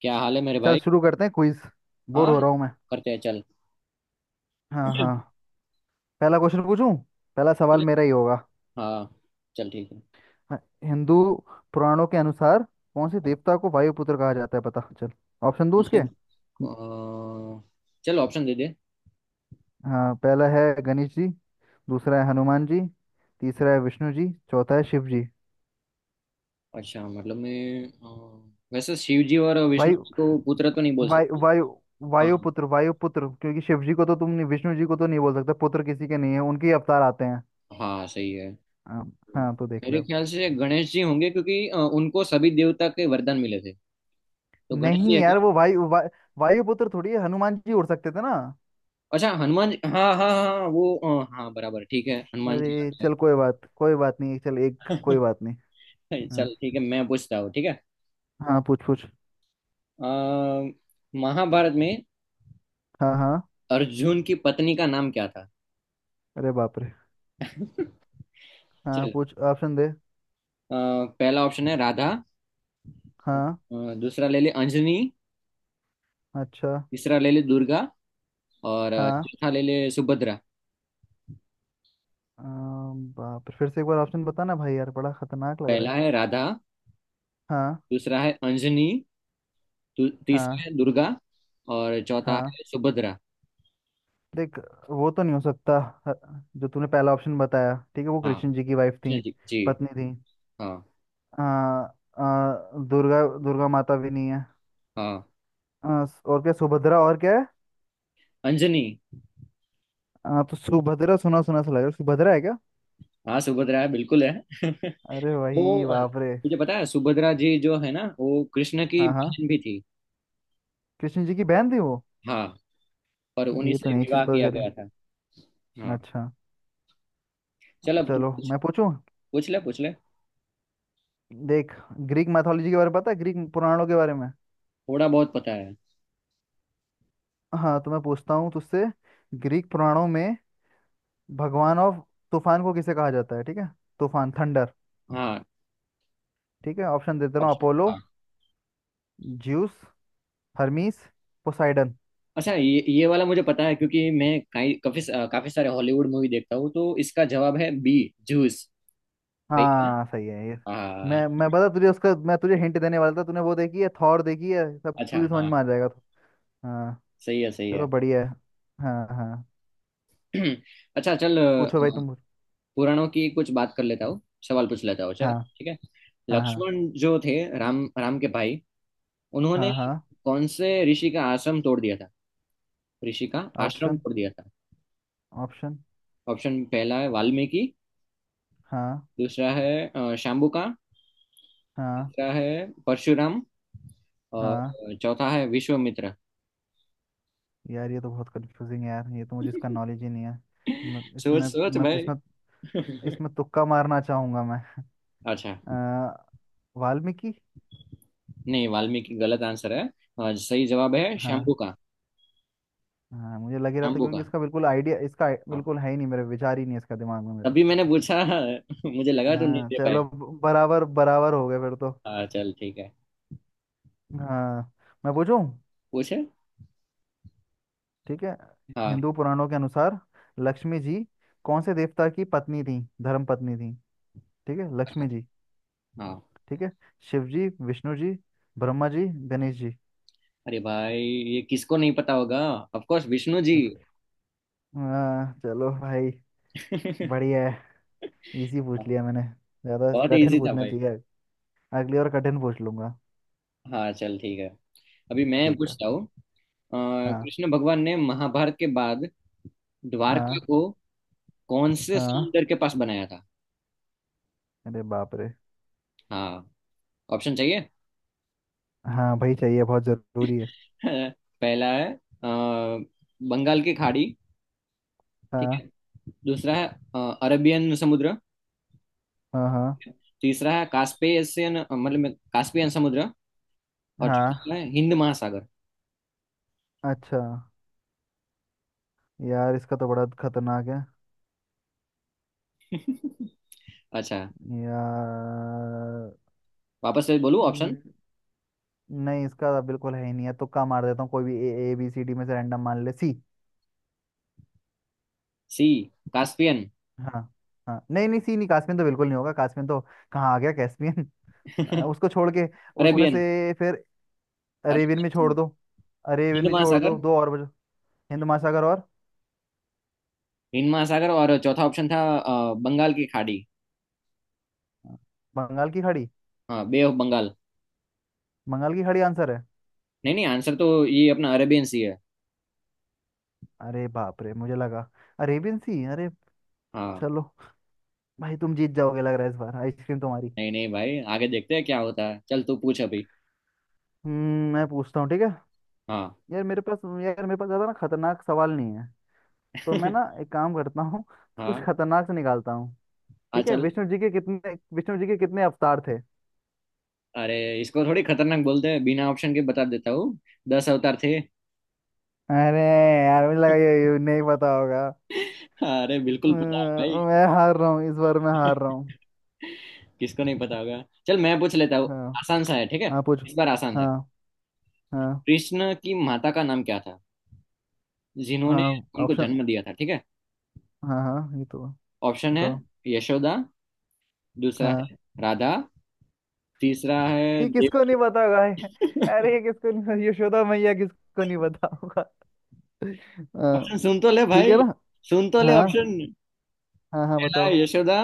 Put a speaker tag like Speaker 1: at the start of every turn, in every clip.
Speaker 1: क्या हाल है मेरे
Speaker 2: चल
Speaker 1: भाई।
Speaker 2: शुरू करते हैं क्विज। बोर
Speaker 1: हाँ।
Speaker 2: हो रहा हूँ मैं।
Speaker 1: करते हैं, चल।
Speaker 2: हाँ, हाँ। पहला क्वेश्चन पूछूं? पहला सवाल मेरा ही होगा।
Speaker 1: हाँ, चल ठीक है।
Speaker 2: हाँ, हिंदू पुराणों के अनुसार कौन से देवता को वायुपुत्र कहा जाता है? पता चल, ऑप्शन दो उसके।
Speaker 1: उनसे चल, ऑप्शन दे दे।
Speaker 2: हाँ, पहला है गणेश जी। दूसरा है हनुमान जी। तीसरा है विष्णु जी, चौथा है शिव जी।
Speaker 1: अच्छा, मतलब मैं वैसे शिव जी और विष्णु
Speaker 2: वायु
Speaker 1: जी को पुत्र तो नहीं बोल
Speaker 2: वायु
Speaker 1: सकती।
Speaker 2: वायु
Speaker 1: हाँ।
Speaker 2: वायुपुत्र वायुपुत्र, क्योंकि शिव जी को तो तुम नहीं, विष्णु जी को तो नहीं बोल सकते, पुत्र किसी के नहीं है, उनके ही अवतार आते हैं।
Speaker 1: हाँ, सही है।
Speaker 2: हाँ। हाँ, तो देख ले।
Speaker 1: मेरे ख्याल से गणेश जी होंगे, क्योंकि उनको सभी देवता के वरदान मिले थे। तो गणेश जी
Speaker 2: नहीं
Speaker 1: है क्या?
Speaker 2: यार, वो वायुपुत्र थोड़ी है, हनुमान जी उड़ सकते थे ना।
Speaker 1: अच्छा, हनुमान जी। हाँ हाँ हाँ हाँ, वो हाँ, बराबर ठीक है, हनुमान जी
Speaker 2: अरे
Speaker 1: आ
Speaker 2: चल, कोई बात नहीं। चल, एक कोई बात
Speaker 1: गए।
Speaker 2: नहीं।
Speaker 1: चल
Speaker 2: हाँ,
Speaker 1: ठीक है, मैं पूछता हूँ, ठीक है।
Speaker 2: हाँ, पूछ पूछ।
Speaker 1: अ, महाभारत में
Speaker 2: हाँ, हाँ।
Speaker 1: अर्जुन की पत्नी का नाम क्या था?
Speaker 2: अरे बाप रे। हाँ,
Speaker 1: चल।
Speaker 2: पूछ, ऑप्शन दे।
Speaker 1: अ, पहला ऑप्शन है राधा।
Speaker 2: हाँ।
Speaker 1: दूसरा ले ले, अंजनी।
Speaker 2: अच्छा।
Speaker 1: तीसरा ले ले, दुर्गा। और
Speaker 2: हाँ,
Speaker 1: चौथा ले ले, सुभद्रा।
Speaker 2: बाप रे, फिर से एक बार ऑप्शन बताना भाई, यार बड़ा खतरनाक लग रहा
Speaker 1: पहला
Speaker 2: है।
Speaker 1: है राधा।
Speaker 2: हाँ।
Speaker 1: दूसरा है अंजनी। तीसरा
Speaker 2: हाँ।
Speaker 1: है दुर्गा। और चौथा
Speaker 2: हाँ।
Speaker 1: है सुभद्रा।
Speaker 2: देख, वो तो नहीं हो सकता। ह- जो तूने पहला ऑप्शन बताया, ठीक है, वो
Speaker 1: हाँ,
Speaker 2: कृष्ण जी की वाइफ थी।
Speaker 1: जी जी जी।
Speaker 2: पत्नी थी।
Speaker 1: हाँ
Speaker 2: आ, आ, दुर्गा दुर्गा माता भी नहीं है।
Speaker 1: हाँ,
Speaker 2: और क्या? सुभद्रा और क्या है?
Speaker 1: अंजनी।
Speaker 2: तो सुभद्रा सुना सुना सा लग रहा है, सुभद्रा है क्या?
Speaker 1: हाँ, सुभद्रा है, बिल्कुल है।
Speaker 2: अरे
Speaker 1: वो
Speaker 2: वही, बाप रे।
Speaker 1: मुझे पता है, सुभद्रा जी जो है ना, वो कृष्ण की
Speaker 2: हाँ, हाँ।
Speaker 1: बहन भी थी।
Speaker 2: कृष्ण जी की बहन थी वो।
Speaker 1: हाँ। और
Speaker 2: अरे
Speaker 1: उन्हीं
Speaker 2: ये तो
Speaker 1: से
Speaker 2: नई चीज
Speaker 1: विवाह
Speaker 2: पता
Speaker 1: किया
Speaker 2: चली।
Speaker 1: गया था। हाँ,
Speaker 2: अच्छा।
Speaker 1: चल, अब तू
Speaker 2: चलो,
Speaker 1: पूछ।
Speaker 2: मैं पूछूं।
Speaker 1: पूछ ले, पूछ ले।
Speaker 2: देख, ग्रीक मैथोलॉजी के बारे में पता है? ग्रीक पुराणों के बारे में।
Speaker 1: थोड़ा बहुत पता है।
Speaker 2: हाँ, तो मैं पूछता हूँ तुझसे। ग्रीक पुराणों में भगवान ऑफ तूफान को किसे कहा जाता है, ठीक है? तूफान, थंडर।
Speaker 1: हाँ,
Speaker 2: ठीक है, ऑप्शन देता हूँ।
Speaker 1: ऑप्शन,
Speaker 2: अपोलो,
Speaker 1: हाँ।
Speaker 2: Zeus, Hermes, Poseidon.
Speaker 1: अच्छा, ये वाला मुझे पता है, क्योंकि मैं काफी काफी सारे हॉलीवुड मूवी देखता हूँ, तो इसका जवाब है बी। जूस। वही है ना?
Speaker 2: हाँ, सही है ये।
Speaker 1: हाँ।
Speaker 2: मैं बता तुझे उसका, मैं तुझे हिंट देने वाला था, तूने वो देखी है, थॉर देखी है, सब
Speaker 1: अच्छा,
Speaker 2: तुझे समझ
Speaker 1: हाँ।
Speaker 2: में आ जाएगा तो। हाँ।
Speaker 1: सही है, सही है।
Speaker 2: चलो, बढ़िया है। हाँ, हाँ।
Speaker 1: अच्छा, चल।
Speaker 2: पूछो भाई, तुम पूछो।
Speaker 1: पुराणों की कुछ बात कर लेता हूँ। सवाल पूछ लेता हूँ, चल।
Speaker 2: हाँ,
Speaker 1: ठीक है।
Speaker 2: हाँ, हाँ,
Speaker 1: लक्ष्मण जो थे, राम राम के भाई, उन्होंने
Speaker 2: हाँ, हाँ।
Speaker 1: कौन से ऋषि का आश्रम तोड़ दिया था? ऋषि का आश्रम
Speaker 2: ऑप्शन,
Speaker 1: तोड़ दिया था।
Speaker 2: ऑप्शन।
Speaker 1: ऑप्शन। पहला है वाल्मीकि।
Speaker 2: हाँ,
Speaker 1: दूसरा है शाम्बुका।
Speaker 2: हाँ,
Speaker 1: तीसरा है परशुराम।
Speaker 2: हाँ।
Speaker 1: और चौथा है विश्वामित्र।
Speaker 2: यार ये तो बहुत कंफ्यूजिंग है यार, ये तो मुझे इसका नॉलेज ही नहीं है। मैं
Speaker 1: सोच
Speaker 2: इसमें
Speaker 1: सोच
Speaker 2: मैं तो
Speaker 1: भाई।
Speaker 2: इसमें इसमें तुक्का मारना चाहूंगा मैं।
Speaker 1: अच्छा।
Speaker 2: अ, वाल्मीकि।
Speaker 1: नहीं, वाल्मीकि गलत आंसर है। और सही जवाब है
Speaker 2: हाँ,
Speaker 1: शंभू का।
Speaker 2: हाँ, मुझे लग ही रहा था,
Speaker 1: शंभू
Speaker 2: क्योंकि
Speaker 1: का।
Speaker 2: इसका बिल्कुल आइडिया, इसका
Speaker 1: हाँ,
Speaker 2: बिल्कुल है ही नहीं, मेरे विचार ही नहीं है इसका, दिमाग में मेरे।
Speaker 1: तभी मैंने पूछा। मुझे लगा तो नहीं
Speaker 2: हाँ,
Speaker 1: दे पाए।
Speaker 2: चलो, बराबर बराबर हो गए फिर तो।
Speaker 1: हाँ, चल ठीक है।
Speaker 2: हाँ, मैं पूछूं,
Speaker 1: पूछे।
Speaker 2: ठीक है।
Speaker 1: हाँ
Speaker 2: हिंदू पुराणों के अनुसार लक्ष्मी जी कौन से देवता की पत्नी थी, धर्म पत्नी थी? ठीक है, लक्ष्मी जी,
Speaker 1: हाँ।
Speaker 2: ठीक है। शिव जी, विष्णु जी, ब्रह्मा जी, गणेश जी।
Speaker 1: अरे भाई, ये किसको नहीं पता होगा? Of course Vishnu ji.
Speaker 2: Okay. हाँ, चलो भाई।
Speaker 1: हाँ,
Speaker 2: बढ़िया है, इजी पूछ लिया मैंने, ज्यादा
Speaker 1: बहुत
Speaker 2: कठिन
Speaker 1: इजी था
Speaker 2: पूछना
Speaker 1: भाई।
Speaker 2: चाहिए, अगली बार कठिन पूछ लूंगा।
Speaker 1: हाँ, चल ठीक है, अभी मैं
Speaker 2: ठीक है।
Speaker 1: पूछता हूँ। अ,
Speaker 2: हाँ।
Speaker 1: कृष्ण भगवान ने महाभारत के बाद द्वारका
Speaker 2: हाँ।
Speaker 1: को कौन से
Speaker 2: हाँ।
Speaker 1: समुंदर के पास बनाया था?
Speaker 2: अरे बाप रे।
Speaker 1: हाँ, ऑप्शन चाहिए।
Speaker 2: हाँ भाई, चाहिए, बहुत जरूरी है।
Speaker 1: पहला है बंगाल की खाड़ी, ठीक
Speaker 2: हाँ,
Speaker 1: है। दूसरा है अरबियन समुद्र।
Speaker 2: हाँ। हाँ,
Speaker 1: तीसरा है कास्पियन, मतलब कास्पियन समुद्र। और चौथा
Speaker 2: हाँ।
Speaker 1: है हिंद महासागर।
Speaker 2: अच्छा। यार इसका तो बड़ा खतरनाक है
Speaker 1: अच्छा।
Speaker 2: यार।
Speaker 1: वापस से बोलूं ऑप्शन?
Speaker 2: हम्म, नहीं, इसका तो बिल्कुल है ही नहीं है, तुक्का मार देता हूँ कोई भी, A A B C D में से, रैंडम, मान ले सी।
Speaker 1: C, Caspian.
Speaker 2: हाँ, हाँ, नहीं, नहीं, सी नहीं, कास्मियन तो बिल्कुल नहीं होगा, कास्मियन तो कहाँ आ गया कैस्पियन। उसको छोड़ के, उसमें
Speaker 1: अरेबियन,
Speaker 2: से फिर अरेबियन
Speaker 1: अरबियन
Speaker 2: भी छोड़
Speaker 1: समुद्र,
Speaker 2: दो, अरेबियन
Speaker 1: हिंद
Speaker 2: भी छोड़
Speaker 1: महासागर।
Speaker 2: दो, दो और बचो। हिंद महासागर और
Speaker 1: और चौथा ऑप्शन था बंगाल की खाड़ी।
Speaker 2: बंगाल की खाड़ी।
Speaker 1: हाँ, बे ऑफ बंगाल।
Speaker 2: बंगाल की खाड़ी आंसर है।
Speaker 1: नहीं नहीं, आंसर तो ये अपना अरेबियन सी है।
Speaker 2: अरे बाप रे, मुझे लगा अरेबियन सी। अरे,
Speaker 1: हाँ,
Speaker 2: चलो, भाई तुम जीत जाओगे लग रहा है इस बार, आइसक्रीम तुम्हारी।
Speaker 1: नहीं नहीं भाई, आगे देखते हैं क्या होता है। चल, तू पूछ अभी।
Speaker 2: मैं पूछता हूँ, ठीक है।
Speaker 1: हाँ।
Speaker 2: यार मेरे पास ज़्यादा ना खतरनाक सवाल नहीं है। तो मैं ना एक काम करता हूँ, तो कुछ
Speaker 1: हाँ
Speaker 2: खतरनाक से निकालता हूँ।
Speaker 1: हाँ,
Speaker 2: ठीक है,
Speaker 1: चल।
Speaker 2: विष्णु जी के कितने अवतार थे?
Speaker 1: अरे, इसको थोड़ी खतरनाक बोलते हैं? बिना ऑप्शन के बता देता हूँ, 10 अवतार थे।
Speaker 2: अरे, यार मुझे लगा ये नहीं पता होगा।
Speaker 1: अरे, बिल्कुल पता है भाई।
Speaker 2: मैं हार रहा हूँ, इस बार मैं हार रहा हूँ।
Speaker 1: किसको नहीं पता होगा? चल, मैं पूछ लेता हूँ।
Speaker 2: हाँ,
Speaker 1: आसान सा है, ठीक है।
Speaker 2: हाँ, पूछो।
Speaker 1: इस बार आसान है।
Speaker 2: हाँ, हाँ,
Speaker 1: कृष्ण की माता का नाम क्या था, जिन्होंने
Speaker 2: हाँ।
Speaker 1: उनको
Speaker 2: ऑप्शन।
Speaker 1: जन्म दिया था, ठीक है?
Speaker 2: हाँ, हाँ, ये तो
Speaker 1: ऑप्शन है,
Speaker 2: बताओ।
Speaker 1: यशोदा। दूसरा
Speaker 2: हाँ,
Speaker 1: है राधा। तीसरा है
Speaker 2: ये
Speaker 1: देव।
Speaker 2: किसको नहीं पता होगा। अरे, ये किसको नहीं, यशोदा मैया किसको नहीं पता होगा? अ,
Speaker 1: ऑप्शन सुन तो ले
Speaker 2: ठीक
Speaker 1: भाई।
Speaker 2: है ना।
Speaker 1: सुन तो ले
Speaker 2: हाँ,
Speaker 1: ऑप्शन।
Speaker 2: हाँ, हाँ,
Speaker 1: पहला
Speaker 2: बताओ।
Speaker 1: है यशोदा।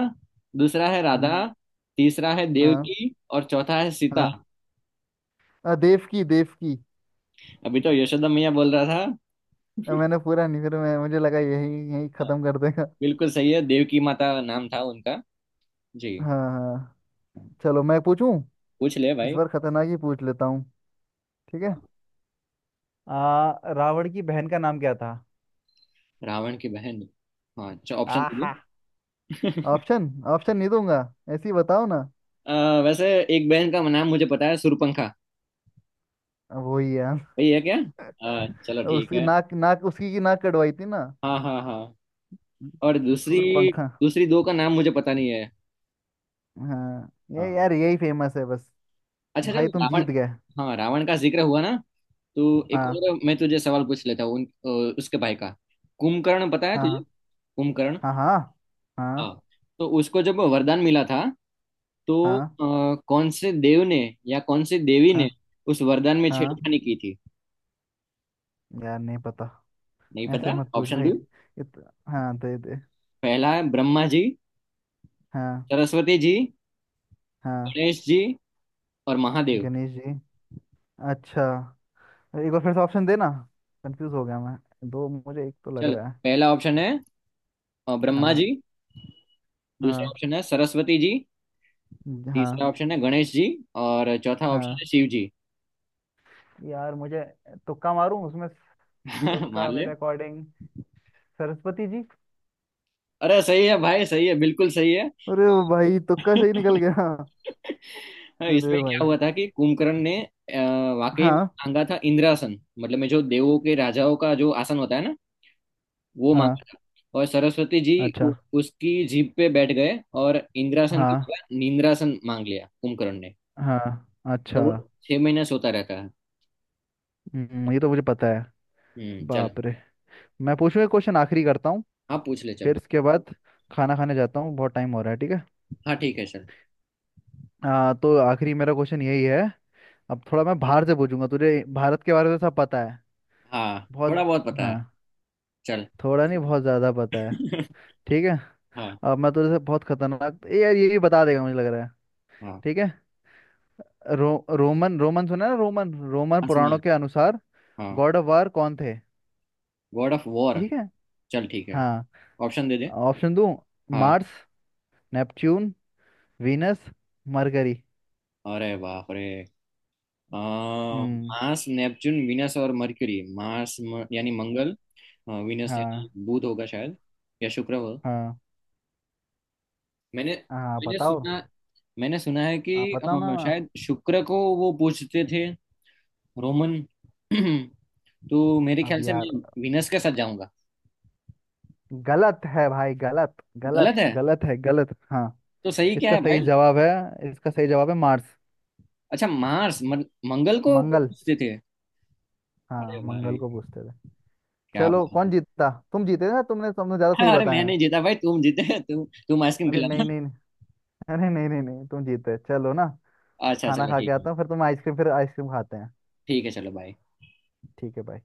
Speaker 1: दूसरा है
Speaker 2: हम्म,
Speaker 1: राधा। तीसरा है
Speaker 2: हाँ,
Speaker 1: देवकी। और चौथा है सीता।
Speaker 2: हाँ। देव की।
Speaker 1: अभी तो यशोदा मैया बोल रहा था।
Speaker 2: मैंने पूरा नहीं, फिर मैं मुझे लगा यही यही
Speaker 1: हाँ,
Speaker 2: खत्म कर देगा।
Speaker 1: बिल्कुल सही है, देवकी माता नाम था उनका। जी।
Speaker 2: हाँ, हाँ। चलो, मैं पूछूं।
Speaker 1: पूछ ले
Speaker 2: इस
Speaker 1: भाई।
Speaker 2: बार खतरनाक ही पूछ लेता हूँ, ठीक है। आ, रावण की बहन का नाम क्या था?
Speaker 1: रावण की बहन। हाँ, अच्छा, ऑप्शन
Speaker 2: आहा।
Speaker 1: दीजिए।
Speaker 2: ऑप्शन? ऑप्शन नहीं दूंगा, ऐसे ही बताओ ना।
Speaker 1: वैसे एक बहन का नाम मुझे पता है, सूर्यपंखा।
Speaker 2: वही है।
Speaker 1: वही है क्या? चलो, ठीक
Speaker 2: उसकी
Speaker 1: है।
Speaker 2: नाक नाक उसकी की नाक कटवाई थी ना।
Speaker 1: हाँ हाँ हाँ। और दूसरी।
Speaker 2: सूरपंखा।
Speaker 1: दो का नाम मुझे पता नहीं है।
Speaker 2: हाँ, ये
Speaker 1: हाँ,
Speaker 2: यार यही फेमस है बस।
Speaker 1: अच्छा, चलो।
Speaker 2: भाई, तुम
Speaker 1: रावण।
Speaker 2: जीत गए।
Speaker 1: हाँ, रावण का जिक्र हुआ ना, तो एक
Speaker 2: हाँ,
Speaker 1: और मैं तुझे सवाल पूछ लेता हूँ। उसके भाई का, कुंभकर्ण पता है तुझे?
Speaker 2: हाँ,
Speaker 1: कुंभकर्ण।
Speaker 2: हाँ, हाँ, हाँ,
Speaker 1: हाँ। तो उसको जब वरदान मिला था, तो
Speaker 2: हाँ,
Speaker 1: कौन से देव ने या कौन से देवी ने
Speaker 2: हाँ,
Speaker 1: उस वरदान में
Speaker 2: हाँ।
Speaker 1: छेड़खानी की थी?
Speaker 2: यार, नहीं पता।
Speaker 1: नहीं
Speaker 2: ऐसे
Speaker 1: पता।
Speaker 2: मत पूछ
Speaker 1: ऑप्शन
Speaker 2: भाई।
Speaker 1: दो।
Speaker 2: इत... हाँ, दे दे।
Speaker 1: पहला है ब्रह्मा जी,
Speaker 2: हाँ,
Speaker 1: सरस्वती जी,
Speaker 2: हाँ।
Speaker 1: गणेश जी, और महादेव।
Speaker 2: गणेश जी। अच्छा, एक बार फिर से ऑप्शन देना, कंफ्यूज हो गया मैं, दो मुझे, एक तो लग
Speaker 1: चल।
Speaker 2: रहा है।
Speaker 1: पहला ऑप्शन है ब्रह्मा
Speaker 2: हाँ,
Speaker 1: जी। दूसरा
Speaker 2: हाँ।
Speaker 1: ऑप्शन है सरस्वती जी।
Speaker 2: हाँ।
Speaker 1: तीसरा ऑप्शन है गणेश जी। और चौथा ऑप्शन
Speaker 2: हाँ,
Speaker 1: है शिव जी।
Speaker 2: यार मुझे, तुक्का मारूं उसमें,
Speaker 1: मार
Speaker 2: तुक्का
Speaker 1: ले।
Speaker 2: मेरे अकॉर्डिंग, सरस्वती जी।
Speaker 1: अरे, सही है भाई, सही है, बिल्कुल सही है।
Speaker 2: अरे, भाई तुक्का सही निकल गया।
Speaker 1: हाँ,
Speaker 2: अरे
Speaker 1: इसमें क्या
Speaker 2: भाई।
Speaker 1: हुआ था कि कुंभकर्ण ने वाकई में
Speaker 2: हाँ।
Speaker 1: मांगा था इंद्रासन, मतलब में जो देवों के राजाओं का जो आसन होता है ना, वो
Speaker 2: हाँ।
Speaker 1: मांगा था। और सरस्वती जी
Speaker 2: अच्छा।
Speaker 1: उ- उसकी जीभ पे बैठ गए और इंद्रासन की
Speaker 2: हाँ,
Speaker 1: जगह नींद्रासन मांग लिया कुंभकर्ण ने।
Speaker 2: हाँ। अच्छा।
Speaker 1: तो वो 6 महीने सोता रहता है।
Speaker 2: ये तो मुझे पता है।
Speaker 1: हम्म, चल।
Speaker 2: बाप रे। मैं पूछूं, एक क्वेश्चन आखिरी करता हूँ,
Speaker 1: हाँ, पूछ ले चल।
Speaker 2: फिर इसके बाद खाना खाने जाता हूँ, बहुत टाइम हो रहा है, ठीक है।
Speaker 1: हाँ, ठीक है चल।
Speaker 2: तो आखिरी मेरा क्वेश्चन यही है। अब थोड़ा मैं बाहर से पूछूंगा तुझे, भारत के बारे में सब पता है?
Speaker 1: हाँ, थोड़ा
Speaker 2: बहुत।
Speaker 1: बहुत पता
Speaker 2: हाँ,
Speaker 1: है। चल।
Speaker 2: थोड़ा नहीं, बहुत ज़्यादा पता है। ठीक है।
Speaker 1: हाँ
Speaker 2: अब मैं तुझे बहुत खतरनाक, ये यार ये भी बता देगा मुझे लग रहा है।
Speaker 1: हाँ
Speaker 2: ठीक है। रोमन रोमन सुना है ना, रोमन रोमन
Speaker 1: हाँ, सुना है।
Speaker 2: पुराणों के अनुसार
Speaker 1: हाँ।
Speaker 2: गॉड ऑफ वार कौन थे?
Speaker 1: God of war.
Speaker 2: ठीक है।
Speaker 1: चल ठीक है,
Speaker 2: हाँ,
Speaker 1: ऑप्शन दे दे।
Speaker 2: ऑप्शन दूं?
Speaker 1: हाँ।
Speaker 2: Mars, Neptune, Venus, Mercury.
Speaker 1: अरे बाप रे।
Speaker 2: हम्म।
Speaker 1: मार्स, नेपच्यून, वीनस और मर्क्यूरी। मार्स, यानी मंगल। वीनस यानी
Speaker 2: हाँ,
Speaker 1: बुध होगा शायद, या शुक्र हो।
Speaker 2: हाँ,
Speaker 1: मैंने
Speaker 2: हाँ,
Speaker 1: मैंने
Speaker 2: बताओ।
Speaker 1: सुना मैंने सुना है कि
Speaker 2: आप बताओ ना, ना।
Speaker 1: शायद शुक्र को वो पूछते थे, रोमन। तो मेरे
Speaker 2: अब
Speaker 1: ख्याल से
Speaker 2: यार,
Speaker 1: मैं वीनस के साथ जाऊंगा।
Speaker 2: गलत है भाई, गलत, गलत,
Speaker 1: गलत है।
Speaker 2: गलत है, गलत। हाँ,
Speaker 1: तो सही क्या
Speaker 2: इसका
Speaker 1: है
Speaker 2: सही
Speaker 1: भाई?
Speaker 2: जवाब है, मार्स।
Speaker 1: अच्छा, मार्स। मंगल को वो
Speaker 2: मंगल।
Speaker 1: पूछते थे। अरे
Speaker 2: हाँ, मंगल
Speaker 1: भाई,
Speaker 2: को पूछते थे।
Speaker 1: क्या
Speaker 2: चलो, कौन
Speaker 1: बात
Speaker 2: जीतता, तुम जीते ना, तुमने तुमने ज्यादा
Speaker 1: है।
Speaker 2: सही
Speaker 1: अरे, मैं
Speaker 2: बताया
Speaker 1: नहीं
Speaker 2: है।
Speaker 1: जीता भाई, तुम जीते। तुम आइसक्रीम
Speaker 2: अरे,
Speaker 1: खिला।
Speaker 2: नहीं, नहीं, नहीं। अरे, नहीं, नहीं, नहीं, तुम जीते चलो ना।
Speaker 1: अच्छा,
Speaker 2: खाना
Speaker 1: चलो
Speaker 2: खा के
Speaker 1: ठीक है।
Speaker 2: आता हूँ, फिर तुम आइसक्रीम फिर आइसक्रीम खाते हैं।
Speaker 1: ठीक है, चलो, बाय।
Speaker 2: ठीक है भाई।